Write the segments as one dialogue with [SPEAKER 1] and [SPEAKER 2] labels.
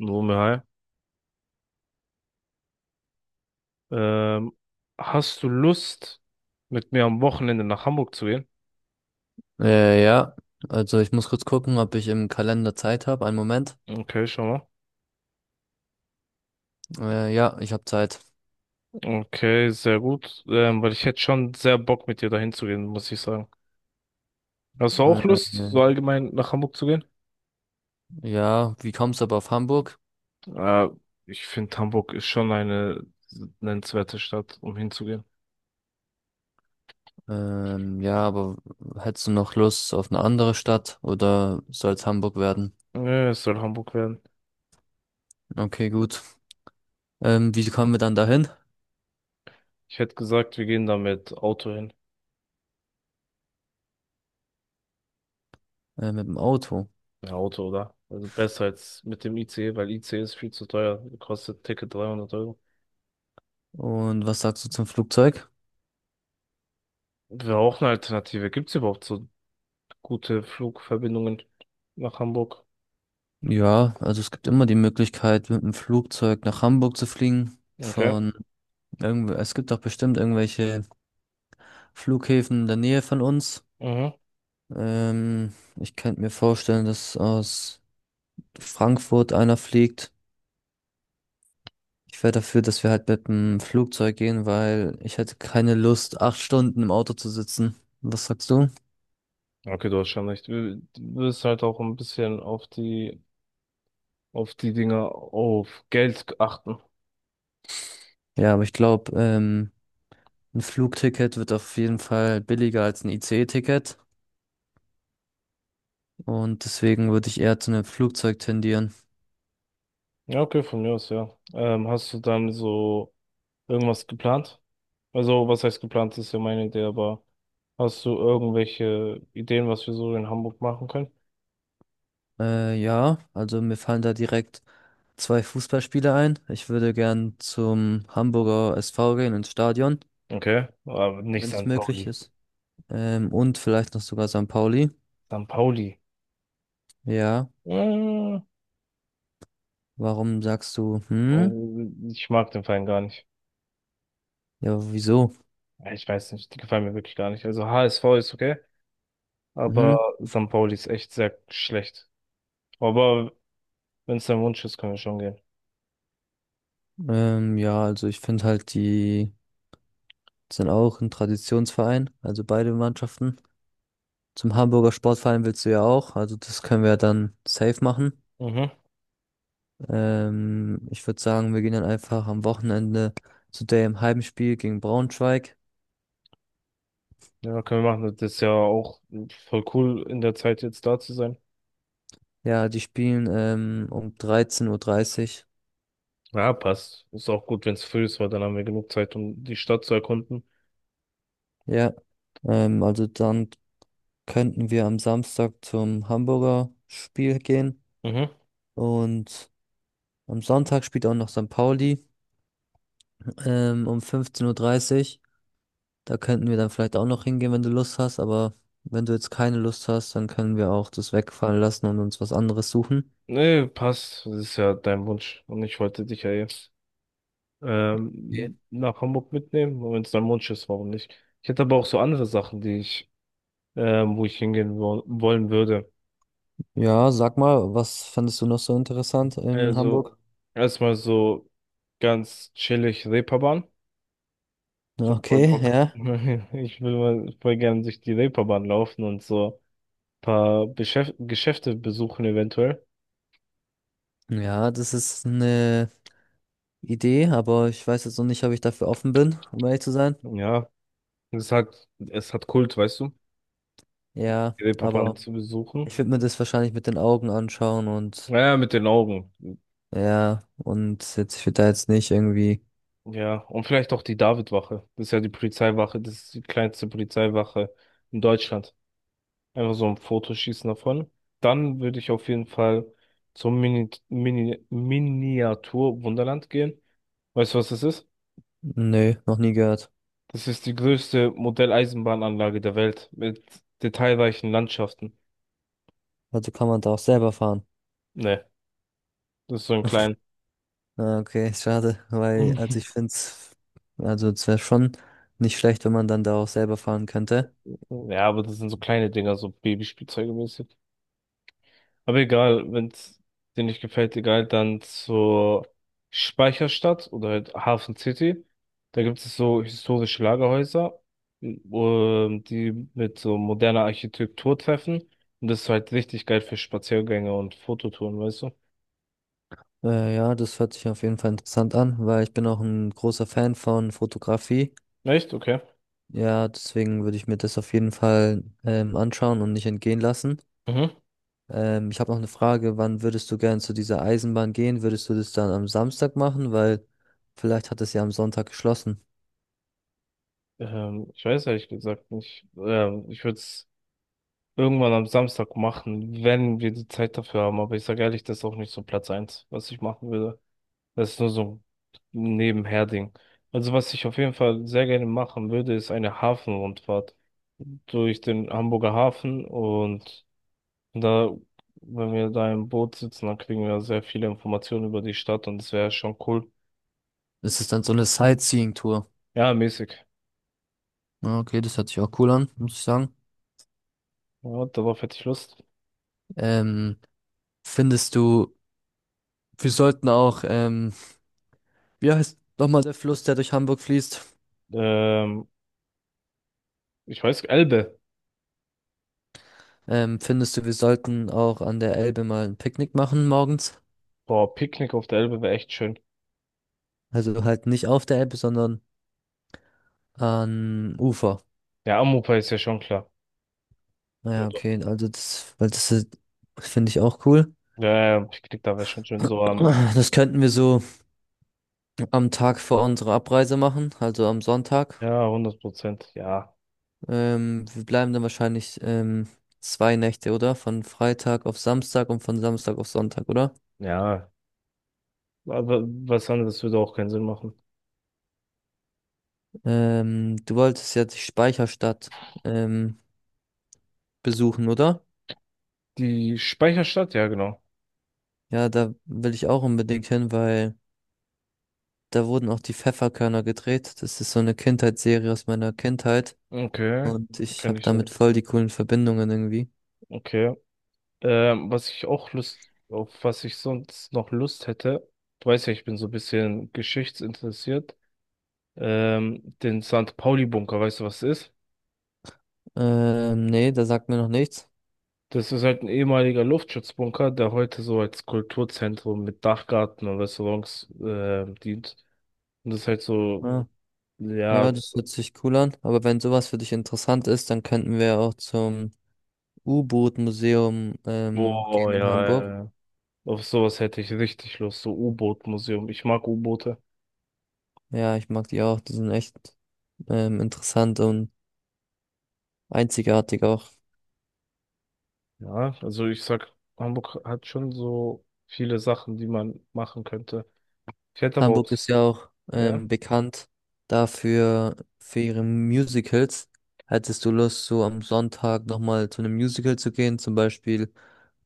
[SPEAKER 1] Wumme, hi. Ähm, hast du Lust, mit mir am Wochenende nach Hamburg zu gehen?
[SPEAKER 2] Äh, ja, also ich muss kurz gucken, ob ich im Kalender Zeit habe. Einen Moment.
[SPEAKER 1] Okay, schau mal.
[SPEAKER 2] Ja, Ich habe Zeit.
[SPEAKER 1] Okay, sehr gut. Weil ich hätte schon sehr Bock, mit dir dahin zu gehen, muss ich sagen. Hast du auch
[SPEAKER 2] Äh,
[SPEAKER 1] Lust, so allgemein nach Hamburg zu gehen?
[SPEAKER 2] ja, wie kommst du aber auf Hamburg?
[SPEAKER 1] Äh, ich finde, Hamburg ist schon eine nennenswerte Stadt, um hinzugehen.
[SPEAKER 2] Ja, aber hättest du noch Lust auf eine andere Stadt oder soll es Hamburg werden?
[SPEAKER 1] Ja, es soll Hamburg werden.
[SPEAKER 2] Okay, gut. Wie kommen wir dann dahin?
[SPEAKER 1] Ich hätte gesagt, wir gehen da mit Auto hin.
[SPEAKER 2] Mit dem Auto.
[SPEAKER 1] Ja, Auto, oder? Also besser als mit dem ICE, weil ICE ist viel zu teuer. Kostet Ticket 300 Euro.
[SPEAKER 2] Und was sagst du zum Flugzeug?
[SPEAKER 1] Wäre auch eine Alternative. Gibt es überhaupt so gute Flugverbindungen nach Hamburg?
[SPEAKER 2] Ja, also es gibt immer die Möglichkeit, mit dem Flugzeug nach Hamburg zu fliegen.
[SPEAKER 1] Okay.
[SPEAKER 2] Von irgendwo, es gibt doch bestimmt irgendwelche Flughäfen in der Nähe von uns.
[SPEAKER 1] Mhm.
[SPEAKER 2] Ich könnte mir vorstellen, dass aus Frankfurt einer fliegt. Ich wäre dafür, dass wir halt mit dem Flugzeug gehen, weil ich hätte keine Lust, 8 Stunden im Auto zu sitzen. Was sagst du?
[SPEAKER 1] Okay, du hast schon recht. Du wirst halt auch ein bisschen auf die Dinge, auf Geld achten.
[SPEAKER 2] Ja, aber ich glaube, ein Flugticket wird auf jeden Fall billiger als ein ICE-Ticket. Und deswegen würde ich eher zu einem Flugzeug tendieren.
[SPEAKER 1] Ja, okay, von mir aus, ja. Hast du dann so irgendwas geplant? Also, was heißt geplant, ist ja meine Idee, aber hast du irgendwelche Ideen, was wir so in Hamburg machen können?
[SPEAKER 2] Ja, also mir fallen da direkt zwei Fußballspieler ein. Ich würde gern zum Hamburger SV gehen ins Stadion,
[SPEAKER 1] Okay, aber nicht
[SPEAKER 2] wenn es
[SPEAKER 1] St.
[SPEAKER 2] möglich
[SPEAKER 1] Pauli.
[SPEAKER 2] ist. Und vielleicht noch sogar St. Pauli.
[SPEAKER 1] St. Pauli.
[SPEAKER 2] Ja.
[SPEAKER 1] Äh,
[SPEAKER 2] Warum sagst du, hm?
[SPEAKER 1] also ich mag den Verein gar nicht.
[SPEAKER 2] Ja, wieso?
[SPEAKER 1] Ja, ich weiß nicht, die gefallen mir wirklich gar nicht. Also HSV ist okay, aber
[SPEAKER 2] Mhm.
[SPEAKER 1] St. Pauli ist echt sehr schlecht. Aber wenn es dein Wunsch ist, können wir schon gehen.
[SPEAKER 2] Ja, also ich finde halt, die sind auch ein Traditionsverein, also beide Mannschaften. Zum Hamburger Sportverein willst du ja auch, also das können wir dann safe machen.
[SPEAKER 1] Mhm.
[SPEAKER 2] Ich würde sagen, wir gehen dann einfach am Wochenende zu dem Heimspiel gegen Braunschweig.
[SPEAKER 1] Ja, können wir machen. Das ist ja auch voll cool, in der Zeit jetzt da zu sein.
[SPEAKER 2] Ja, die spielen um 13.30 Uhr. dreißig.
[SPEAKER 1] Ja, passt. Ist auch gut, wenn es früh ist, weil dann haben wir genug Zeit, um die Stadt zu erkunden.
[SPEAKER 2] Ja, also dann könnten wir am Samstag zum Hamburger Spiel gehen
[SPEAKER 1] Mhm.
[SPEAKER 2] und am Sonntag spielt auch noch St. Pauli um 15.30 Uhr. dreißig. Da könnten wir dann vielleicht auch noch hingehen, wenn du Lust hast, aber wenn du jetzt keine Lust hast, dann können wir auch das wegfallen lassen und uns was anderes suchen.
[SPEAKER 1] Nee, passt. Das ist ja dein Wunsch. Und ich wollte dich ja jetzt
[SPEAKER 2] Okay.
[SPEAKER 1] nach Hamburg mitnehmen. Und wenn es dein Wunsch ist, warum nicht? Ich hätte aber auch so andere Sachen, die ich, wo ich hingehen wo wollen würde.
[SPEAKER 2] Ja, sag mal, was fandest du noch so interessant in
[SPEAKER 1] Also,
[SPEAKER 2] Hamburg?
[SPEAKER 1] erstmal so ganz chillig Reeperbahn. Ich hab voll
[SPEAKER 2] Okay,
[SPEAKER 1] Bock.
[SPEAKER 2] ja.
[SPEAKER 1] Ich will mal voll gern durch die Reeperbahn laufen und so ein paar Beschäf Geschäfte besuchen eventuell.
[SPEAKER 2] Ja, das ist eine Idee, aber ich weiß jetzt noch nicht, ob ich dafür offen bin, um ehrlich zu sein.
[SPEAKER 1] Ja, es hat Kult, weißt du,
[SPEAKER 2] Ja,
[SPEAKER 1] die Reeperbahn
[SPEAKER 2] aber
[SPEAKER 1] zu besuchen.
[SPEAKER 2] ich würde mir das wahrscheinlich mit den Augen anschauen und
[SPEAKER 1] Naja, mit den Augen.
[SPEAKER 2] ja, und jetzt, ich würde da jetzt nicht irgendwie,
[SPEAKER 1] Ja, und vielleicht auch die Davidwache. Das ist ja die Polizeiwache, das ist die kleinste Polizeiwache in Deutschland. Einfach so ein Foto schießen davon. Dann würde ich auf jeden Fall zum Miniatur Wunderland gehen. Weißt du, was das ist?
[SPEAKER 2] nö, noch nie gehört.
[SPEAKER 1] Das ist die größte Modelleisenbahnanlage der Welt mit detailreichen Landschaften.
[SPEAKER 2] Also kann man da auch selber fahren.
[SPEAKER 1] Ne, das ist so ein klein.
[SPEAKER 2] Ah, okay, schade, weil, also ich finde es, also es wäre schon nicht schlecht, wenn man dann da auch selber fahren könnte.
[SPEAKER 1] Ja, aber das sind so kleine Dinger, so Babyspielzeuge mäßig. Aber egal, wenn es dir nicht gefällt, egal, dann zur Speicherstadt oder halt Hafen City. Da gibt es so historische Lagerhäuser, die mit so moderner Architektur treffen. Und das ist halt richtig geil für Spaziergänge und Fototouren, weißt du?
[SPEAKER 2] Ja, Das hört sich auf jeden Fall interessant an, weil ich bin auch ein großer Fan von Fotografie.
[SPEAKER 1] Echt? Okay.
[SPEAKER 2] Ja, deswegen würde ich mir das auf jeden Fall anschauen und nicht entgehen lassen.
[SPEAKER 1] Mhm.
[SPEAKER 2] Ich habe noch eine Frage, wann würdest du gern zu dieser Eisenbahn gehen? Würdest du das dann am Samstag machen? Weil vielleicht hat es ja am Sonntag geschlossen.
[SPEAKER 1] Ich weiß ehrlich gesagt nicht. Ich würde es irgendwann am Samstag machen, wenn wir die Zeit dafür haben. Aber ich sage ehrlich, das ist auch nicht so Platz eins, was ich machen würde. Das ist nur so ein Nebenherding. Also was ich auf jeden Fall sehr gerne machen würde, ist eine Hafenrundfahrt durch den Hamburger Hafen und da, wenn wir da im Boot sitzen, dann kriegen wir sehr viele Informationen über die Stadt und das wäre schon cool.
[SPEAKER 2] Das ist dann so eine Sightseeing-Tour.
[SPEAKER 1] Ja, mäßig.
[SPEAKER 2] Ja, okay, das hört sich auch cool an, muss ich sagen.
[SPEAKER 1] Ja, darauf hätte ich Lust.
[SPEAKER 2] Ähm, findest du, wir sollten auch, wie heißt nochmal der Fluss, der durch Hamburg fließt?
[SPEAKER 1] Ähm, ich weiß, Elbe.
[SPEAKER 2] Findest du, wir sollten auch an der Elbe mal ein Picknick machen morgens?
[SPEAKER 1] Boah, Picknick auf der Elbe wäre echt schön.
[SPEAKER 2] Also halt nicht auf der Elbe, sondern an Ufer.
[SPEAKER 1] Ja, Amopa ist ja schon klar. Ja,
[SPEAKER 2] Naja,
[SPEAKER 1] doch.
[SPEAKER 2] okay, also das, weil das ist- finde ich auch cool.
[SPEAKER 1] Ja, ja, Picknick da wäre schon schön. So am,
[SPEAKER 2] Das könnten wir so am Tag vor unserer Abreise machen, also am Sonntag.
[SPEAKER 1] ja, 100%. Ja,
[SPEAKER 2] Wir bleiben dann wahrscheinlich 2 Nächte, oder? Von Freitag auf Samstag und von Samstag auf Sonntag, oder?
[SPEAKER 1] ja. Aber was anderes würde auch keinen Sinn machen.
[SPEAKER 2] Du wolltest ja die Speicherstadt ähm, besuchen, oder?
[SPEAKER 1] Die Speicherstadt, ja, genau.
[SPEAKER 2] Ja, da will ich auch unbedingt hin, weil da wurden auch die Pfefferkörner gedreht. Das ist so eine Kindheitsserie aus meiner Kindheit
[SPEAKER 1] Okay,
[SPEAKER 2] und ich
[SPEAKER 1] kann
[SPEAKER 2] habe
[SPEAKER 1] ich.
[SPEAKER 2] damit voll die coolen Verbindungen irgendwie.
[SPEAKER 1] Okay. Was ich auch Lust, auf was ich sonst noch Lust hätte, du weißt ja, ich bin so ein bisschen geschichtsinteressiert. Den St. Pauli-Bunker, weißt du, was das ist?
[SPEAKER 2] Nee, da sagt mir noch nichts.
[SPEAKER 1] Das ist halt ein ehemaliger Luftschutzbunker, der heute so als Kulturzentrum mit Dachgarten und Restaurants dient. Und das ist halt so,
[SPEAKER 2] Ja.
[SPEAKER 1] ja,
[SPEAKER 2] Ja, das hört sich cool an. Aber wenn sowas für dich interessant ist, dann könnten wir auch zum U-Boot-Museum
[SPEAKER 1] oh
[SPEAKER 2] gehen in Ja.
[SPEAKER 1] ja,
[SPEAKER 2] Hamburg.
[SPEAKER 1] ja. Auf sowas hätte ich richtig Lust, so U-Boot-Museum. Ich mag U-Boote.
[SPEAKER 2] Ja, ich mag die auch. Die sind echt interessant und einzigartig auch.
[SPEAKER 1] Ja, also ich sag, Hamburg hat schon so viele Sachen, die man machen könnte. Ich hätte aber auch,
[SPEAKER 2] Hamburg ist ja auch
[SPEAKER 1] ja,
[SPEAKER 2] bekannt dafür, für ihre Musicals. Hättest du Lust, so am Sonntag nochmal zu einem Musical zu gehen, zum Beispiel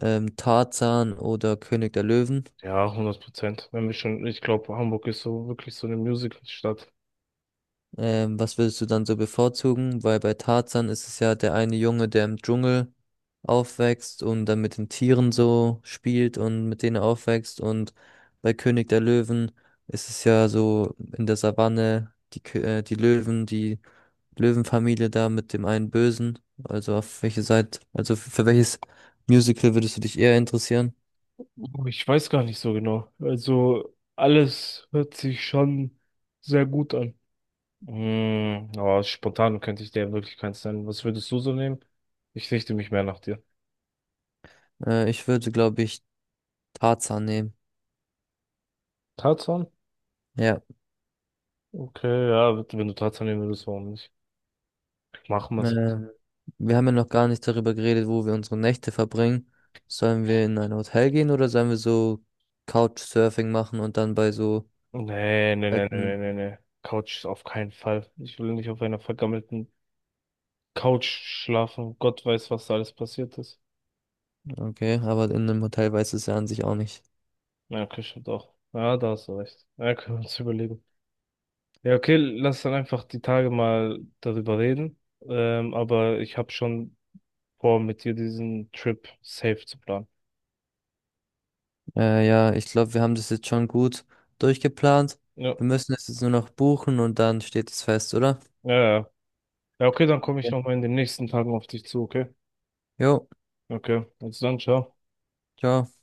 [SPEAKER 2] Tarzan oder König der Löwen?
[SPEAKER 1] ja, 100%. Wenn wir schon, ich glaube, Hamburg ist so wirklich so eine Musical-Stadt.
[SPEAKER 2] Was würdest du dann so bevorzugen? Weil bei Tarzan ist es ja der eine Junge, der im Dschungel aufwächst und dann mit den Tieren so spielt und mit denen aufwächst. Und bei König der Löwen ist es ja so in der Savanne die Löwen, die Löwenfamilie da mit dem einen Bösen. Also auf welche Seite, also für welches Musical würdest du dich eher interessieren?
[SPEAKER 1] Oh, ich weiß gar nicht so genau. Also alles hört sich schon sehr gut an. Aber spontan könnte ich dir wirklich keins nennen. Was würdest du so nehmen? Ich richte mich mehr nach dir.
[SPEAKER 2] Ich würde, glaube ich, Tarzan nehmen.
[SPEAKER 1] Tarzan?
[SPEAKER 2] Ja.
[SPEAKER 1] Okay, ja, wenn du trotzdem nehmen würdest, warum nicht? Machen
[SPEAKER 2] Äh,
[SPEAKER 1] wir's.
[SPEAKER 2] wir haben ja noch gar nicht darüber geredet, wo wir unsere Nächte verbringen. Sollen wir in ein Hotel gehen oder sollen wir so Couchsurfing machen und dann bei so
[SPEAKER 1] Nee, nee, nee, nee,
[SPEAKER 2] alten...
[SPEAKER 1] nee, nee. Couch ist auf keinen Fall. Ich will nicht auf einer vergammelten Couch schlafen. Gott weiß, was da alles passiert ist.
[SPEAKER 2] Okay, aber in einem Hotel weiß es ja an sich auch nicht.
[SPEAKER 1] Ja, okay, stimmt auch. Ja, da hast du recht. Ja, können wir uns überlegen. Ja, okay, lass dann einfach die Tage mal darüber reden. Aber ich habe schon vor, mit dir diesen Trip safe zu planen.
[SPEAKER 2] Ja, Ich glaube, wir haben das jetzt schon gut durchgeplant.
[SPEAKER 1] Ja,
[SPEAKER 2] Wir müssen es jetzt nur noch buchen und dann steht es fest, oder?
[SPEAKER 1] ja, ja. Ja, okay, dann komme ich
[SPEAKER 2] Ja.
[SPEAKER 1] nochmal in den nächsten Tagen auf dich zu, okay?
[SPEAKER 2] Jo,
[SPEAKER 1] Okay, also dann, ciao.
[SPEAKER 2] ciao.